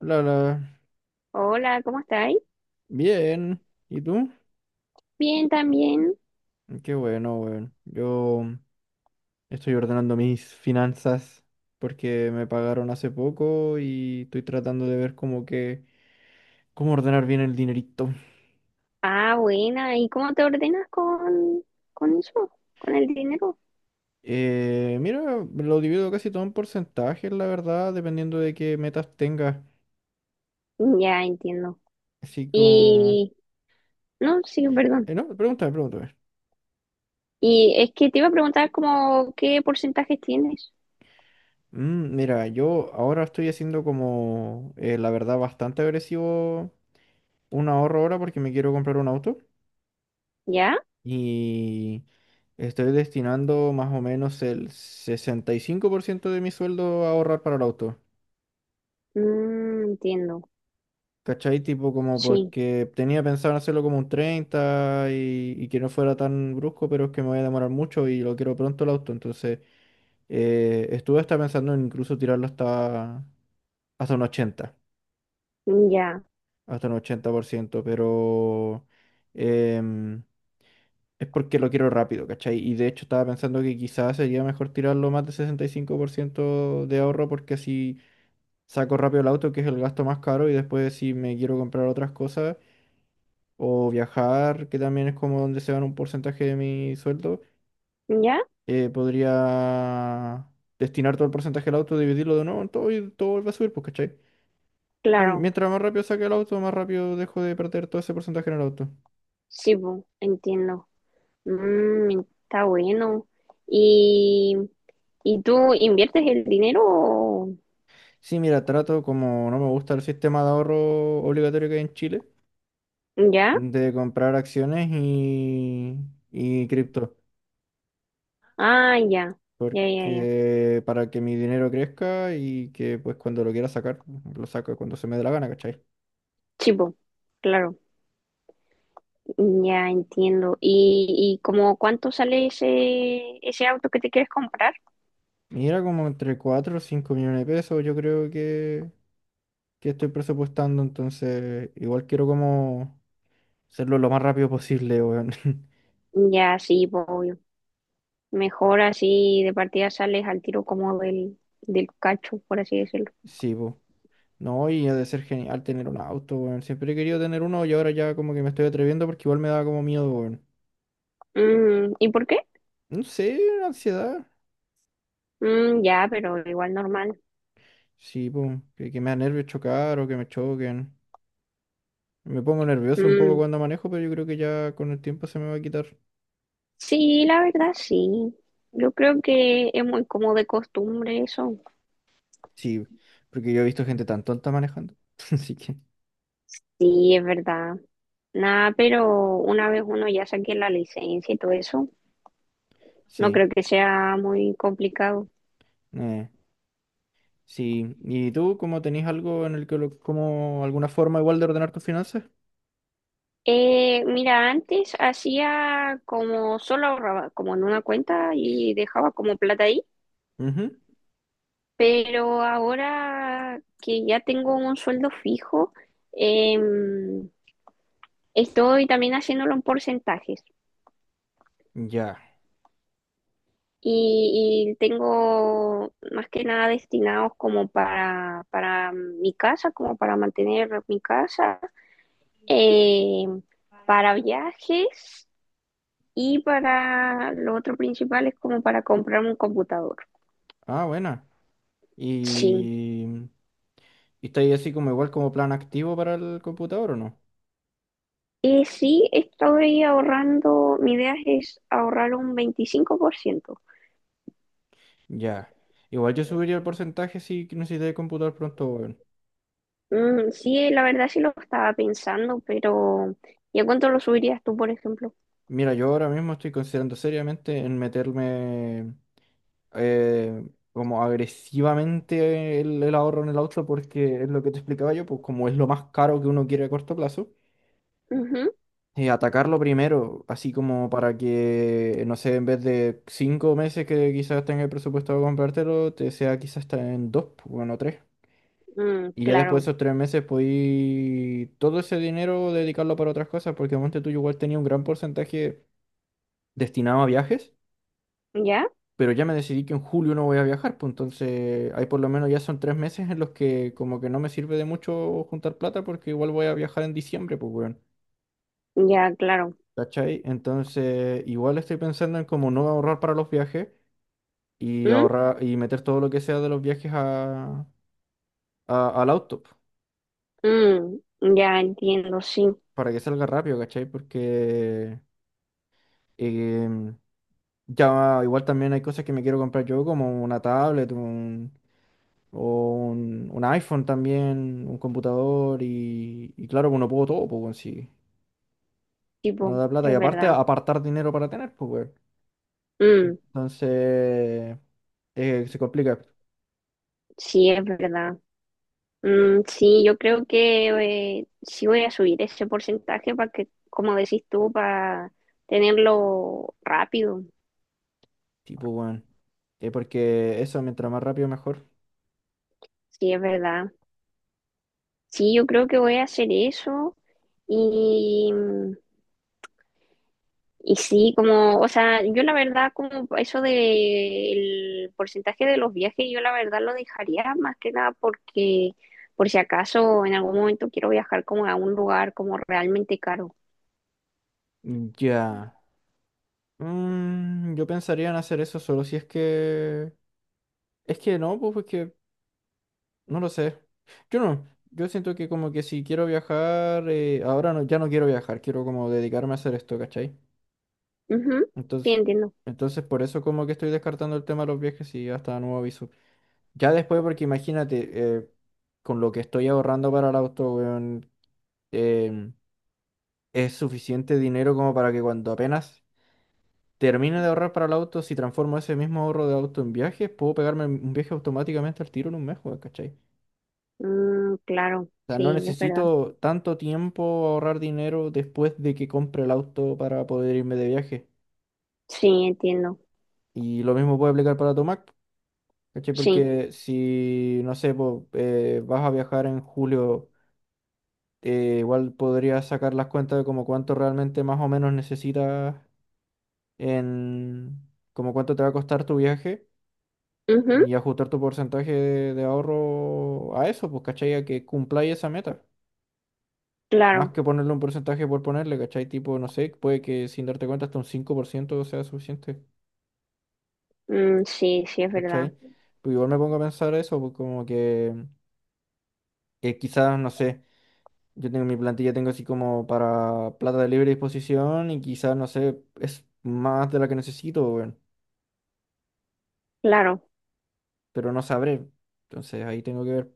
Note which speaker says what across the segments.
Speaker 1: Hola.
Speaker 2: Hola, ¿cómo estáis?
Speaker 1: Bien. ¿Y tú?
Speaker 2: Bien, también.
Speaker 1: Qué bueno, weón. Yo estoy ordenando mis finanzas porque me pagaron hace poco y estoy tratando de ver cómo que, cómo ordenar bien el dinerito.
Speaker 2: Ah, buena. ¿Y cómo te ordenas con eso? ¿Con el dinero?
Speaker 1: Mira, lo divido casi todo en porcentajes, la verdad, dependiendo de qué metas tengas.
Speaker 2: Ya entiendo.
Speaker 1: Así como...
Speaker 2: Y, no, sí, perdón.
Speaker 1: no, pregúntame, pregúntame.
Speaker 2: Y es que te iba a preguntar como qué porcentajes tienes.
Speaker 1: Mira, yo ahora estoy haciendo como, la verdad, bastante agresivo un ahorro ahora porque me quiero comprar un auto.
Speaker 2: ¿Ya?
Speaker 1: Y estoy destinando más o menos el 65% de mi sueldo a ahorrar para el auto.
Speaker 2: Mm, entiendo.
Speaker 1: ¿Cachai? Tipo como
Speaker 2: Sí,
Speaker 1: porque tenía pensado en hacerlo como un 30 y que no fuera tan brusco, pero es que me voy a demorar mucho y lo quiero pronto el auto. Entonces estuve hasta pensando en incluso tirarlo hasta un ochenta,
Speaker 2: ya.
Speaker 1: hasta un 80% pero... em, es porque lo quiero rápido, ¿cachai? Y de hecho estaba pensando que quizás sería mejor tirarlo más de 65% de ahorro porque así saco rápido el auto, que es el gasto más caro, y después si me quiero comprar otras cosas o viajar, que también es como donde se van un porcentaje de mi sueldo,
Speaker 2: ¿Ya?
Speaker 1: podría destinar todo el porcentaje al auto, dividirlo de nuevo en todo y todo vuelve a subir, pues, ¿cachai? Como
Speaker 2: Claro.
Speaker 1: mientras más rápido saque el auto, más rápido dejo de perder todo ese porcentaje en el auto.
Speaker 2: Sí, bu, entiendo. Mm, está bueno. ¿Y, y tú inviertes el dinero?
Speaker 1: Sí, mira, trato como no me gusta el sistema de ahorro obligatorio que hay en Chile.
Speaker 2: ¿Ya?
Speaker 1: De comprar acciones y cripto,
Speaker 2: Ah, ya. Ya, ya, ya.
Speaker 1: porque para que mi dinero crezca y que pues cuando lo quiera sacar, lo saco cuando se me dé la gana, ¿cachai?
Speaker 2: Chivo, claro, ya entiendo. ¿Y como cuánto sale ese auto que te quieres comprar?
Speaker 1: Y era como entre cuatro o 5 millones de pesos, yo creo que estoy presupuestando, entonces igual quiero como hacerlo lo más rápido posible, weón.
Speaker 2: Ya, sí, po, obvio. Mejor así de partida sales al tiro como del cacho, por así decirlo.
Speaker 1: Sí, po. No, y ha de ser genial tener un auto, weón. Siempre he querido tener uno y ahora ya como que me estoy atreviendo porque igual me da como miedo, weón.
Speaker 2: Mm, ¿y por qué?
Speaker 1: No sé, ansiedad.
Speaker 2: Mm, ya, pero igual normal.
Speaker 1: Sí, pues, que me da nervios chocar o que me choquen. Me pongo nervioso un poco
Speaker 2: Mm,
Speaker 1: cuando manejo, pero yo creo que ya con el tiempo se me va a quitar.
Speaker 2: sí, la verdad, sí. Yo creo que es muy como de costumbre eso.
Speaker 1: Sí, porque yo he visto gente tan tonta manejando. Así que,
Speaker 2: Sí, es verdad. Nada, pero una vez uno ya saque la licencia y todo eso, no
Speaker 1: sí.
Speaker 2: creo que sea muy complicado.
Speaker 1: eh, sí. ¿Y tú, cómo tenés algo en el que, como alguna forma igual de ordenar tus finanzas?
Speaker 2: Mira, antes hacía como solo ahorraba, como en una cuenta y dejaba como plata ahí,
Speaker 1: Ujú,
Speaker 2: pero ahora que ya tengo un sueldo fijo, em, estoy también haciéndolo en porcentajes
Speaker 1: ya.
Speaker 2: y tengo más que nada destinados como para mi casa, como para mantener mi casa, em, para viajes y para lo otro principal es como para comprarme un computador.
Speaker 1: Ah, buena.
Speaker 2: Sí.
Speaker 1: ¿Y, y estáis así como igual como plan activo para el computador o no?
Speaker 2: Y sí, estoy ahorrando, mi idea es ahorrar un 25%.
Speaker 1: Ya. Igual yo subiría el porcentaje si necesitáis computador pronto, weón.
Speaker 2: Mm, sí, la verdad sí lo estaba pensando, pero ¿y a cuánto lo subirías tú, por ejemplo?
Speaker 1: Mira, yo ahora mismo estoy considerando seriamente en meterme eh, como agresivamente el ahorro en el auto porque es lo que te explicaba yo, pues como es lo más caro que uno quiere a corto plazo,
Speaker 2: Ujú,
Speaker 1: atacarlo primero, así como para que, no sé, en vez de cinco meses que quizás tenga el presupuesto de comprártelo, te sea quizás hasta en dos, pues, bueno, tres.
Speaker 2: mm,
Speaker 1: Y ya después
Speaker 2: claro,
Speaker 1: de esos tres meses podí todo ese dinero dedicarlo para otras cosas porque monte tú yo igual tenía un gran porcentaje destinado a viajes.
Speaker 2: ¿ya?
Speaker 1: Pero ya me decidí que en julio no voy a viajar, pues entonces ahí por lo menos ya son tres meses en los que como que no me sirve de mucho juntar plata porque igual voy a viajar en diciembre, pues weón,
Speaker 2: Ya, claro.
Speaker 1: ¿cachai? Entonces igual estoy pensando en como no ahorrar para los viajes y
Speaker 2: Mm,
Speaker 1: ahorrar y meter todo lo que sea de los viajes a, al auto, pues,
Speaker 2: mm, ya entiendo, sí,
Speaker 1: para que salga rápido, ¿cachai? Porque em, ya igual también hay cosas que me quiero comprar yo, como una tablet, un o un iPhone también, un computador y claro, pues uno pudo todo, pues, weón, si no
Speaker 2: tipo,
Speaker 1: da plata y
Speaker 2: es
Speaker 1: aparte
Speaker 2: verdad.
Speaker 1: apartar dinero para tener, pues, weón.
Speaker 2: Mm,
Speaker 1: Entonces, se complica,
Speaker 2: sí, es verdad. Mm, sí, yo creo que sí voy a subir ese porcentaje para que, como decís tú, para tenerlo rápido.
Speaker 1: tipo, weón. Porque eso, mientras más rápido, mejor.
Speaker 2: Sí, es verdad. Sí, yo creo que voy a hacer eso. Y, y sí, como, o sea, yo la verdad, como eso del porcentaje de los viajes, yo la verdad lo dejaría más que nada porque por si acaso en algún momento quiero viajar como a un lugar como realmente caro.
Speaker 1: Ya. Mm, yo pensaría en hacer eso solo si es que... Es que no, pues, porque no lo sé. Yo no. Yo siento que como que si quiero viajar, ahora no, ya no quiero viajar, quiero como dedicarme a hacer esto, ¿cachai?
Speaker 2: Ujú, sí,
Speaker 1: Entonces,
Speaker 2: entiendo.
Speaker 1: entonces por eso como que estoy descartando el tema de los viajes y hasta nuevo aviso. Ya después, porque imagínate, eh, con lo que estoy ahorrando para el auto, weón, em, es suficiente dinero como para que cuando apenas termine de ahorrar para el auto, si transformo ese mismo ahorro de auto en viajes, puedo pegarme un viaje automáticamente al tiro en un mes, weón, ¿cachai?
Speaker 2: Mm, claro,
Speaker 1: O sea, no
Speaker 2: sí, es verdad.
Speaker 1: necesito tanto tiempo ahorrar dinero después de que compre el auto para poder irme de viaje.
Speaker 2: Sí, entiendo.
Speaker 1: Y lo mismo puede aplicar para tu Mac. ¿Cachai?
Speaker 2: Sí.
Speaker 1: Porque si, no sé, po, vas a viajar en julio, igual podrías sacar las cuentas de como cuánto realmente más o menos necesitas en, como cuánto te va a costar tu viaje
Speaker 2: Ujú,
Speaker 1: y ajustar tu porcentaje de ahorro a eso, pues, ¿cachai? A que cumpláis esa meta. Más
Speaker 2: claro.
Speaker 1: que ponerle un porcentaje por ponerle, ¿cachai? Tipo, no sé, puede que sin darte cuenta hasta un 5% sea suficiente,
Speaker 2: Mm, sí, sí, es verdad.
Speaker 1: ¿cachai? Pues igual me pongo a pensar eso, pues como que quizás, no sé. Yo tengo mi plantilla, tengo así como para plata de libre disposición y quizás, no sé, es más de la que necesito, weón,
Speaker 2: Claro.
Speaker 1: pero no sabré. Entonces ahí tengo que ver.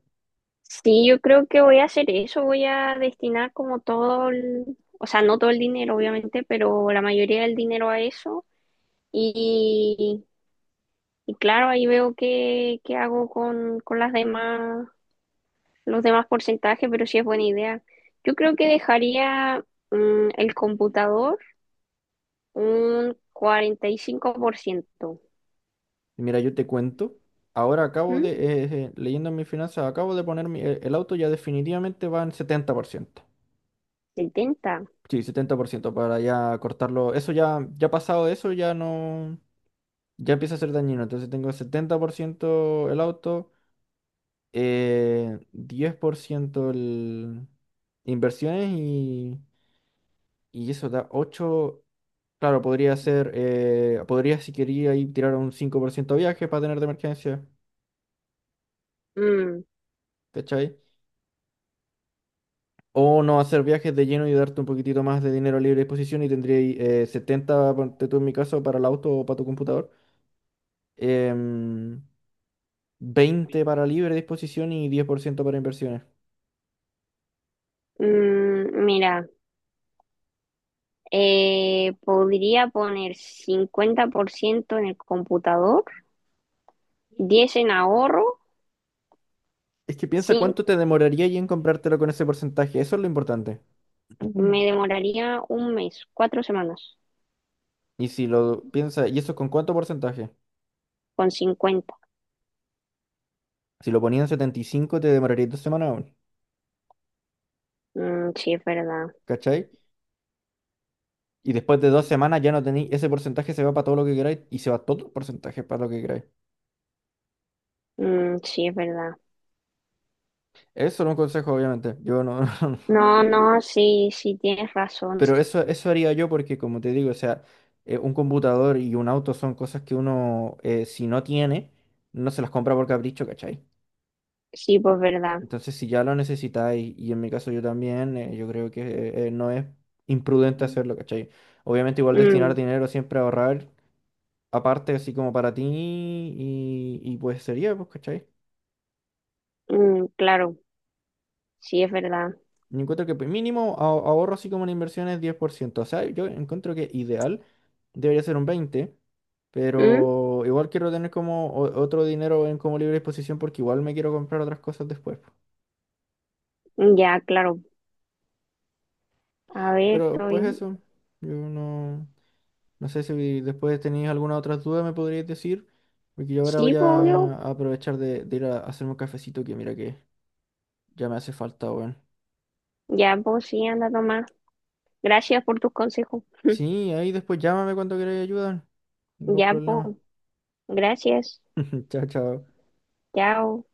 Speaker 2: Sí, yo creo que voy a hacer eso, voy a destinar como todo el, o sea, no todo el dinero, obviamente, pero la mayoría del dinero a eso. Y, y claro, ahí veo qué hago con las demás, los demás porcentajes, pero sí es buena idea. Yo creo que dejaría el computador un 45%.
Speaker 1: Y mira, yo te cuento. Ahora acabo
Speaker 2: ¿Mm?
Speaker 1: de, leyendo mis finanzas, acabo de poner el auto ya definitivamente va en 70%.
Speaker 2: ¿70?
Speaker 1: Sí, 70% para ya cortarlo. Eso ya, ya pasado de eso, ya no, ya empieza a ser dañino. Entonces tengo 70% el auto, 10% el inversiones. Y y eso da ocho. Claro, podría ser. Podría, si quería, ahí tirar un 5% de viaje para tener de emergencia.
Speaker 2: Mm,
Speaker 1: ¿Cachai? O no hacer viajes de lleno y darte un poquitito más de dinero a libre disposición y tendría ahí, 70, ponte tú en mi caso, para el auto o para tu computador. em, 20 para libre disposición y 10% para inversiones.
Speaker 2: mira. Podría poner 50% en el computador, 10 en ahorro,
Speaker 1: Es que piensa
Speaker 2: sí,
Speaker 1: cuánto te demoraría ahí en comprártelo con ese porcentaje. Eso es lo importante. Ujú.
Speaker 2: me demoraría un mes, 4 semanas,
Speaker 1: Y si lo piensa, ¿y eso con cuánto porcentaje?
Speaker 2: con 50.
Speaker 1: Si lo ponía en 75 te demoraría dos semanas aún.
Speaker 2: Mm, sí, es verdad.
Speaker 1: ¿Cachai? Y después de dos semanas ya no tenéis, ese porcentaje se va para todo lo que queráis y se va todo el porcentaje para lo que queráis.
Speaker 2: Mm, sí, es verdad.
Speaker 1: Eso no es un consejo, obviamente. Yo no,
Speaker 2: No, no, sí, sí, tienes razón.
Speaker 1: pero eso haría yo porque, como te digo, o sea, un computador y un auto son cosas que uno, si no tiene, no se las compra por capricho, ¿cachai?
Speaker 2: Sí, pues verdad.
Speaker 1: Entonces, si ya lo necesitáis, y en mi caso yo también, yo creo que no es imprudente hacerlo, ¿cachai? Obviamente, igual destinar
Speaker 2: Mm,
Speaker 1: dinero siempre a ahorrar, aparte, así como para ti, y pues sería, pues, ¿cachai?
Speaker 2: mm, claro, sí, es verdad.
Speaker 1: Yo encuentro que pues, mínimo ahorro así como en inversiones 10%. O sea, yo encuentro que ideal debería ser un 20%,
Speaker 2: Mm,
Speaker 1: pero igual quiero tener como otro dinero en como libre disposición porque igual me quiero comprar otras cosas después, po.
Speaker 2: ya, claro. A ver,
Speaker 1: Pero pues
Speaker 2: estoy.
Speaker 1: eso, yo no, no sé si después tenéis alguna otra duda me podríais decir, porque yo ahora
Speaker 2: Sí,
Speaker 1: voy
Speaker 2: pues obvio.
Speaker 1: a aprovechar de ir a hacerme un cafecito que mira que ya me hace falta, weón.
Speaker 2: Ya, pues sí, anda a tomar. Gracias por tus consejos.
Speaker 1: Sí, ahí después llámame cuando queráis ayuda, ningún
Speaker 2: Ya,
Speaker 1: problema.
Speaker 2: pues. Gracias.
Speaker 1: Chao, chao.
Speaker 2: Chao.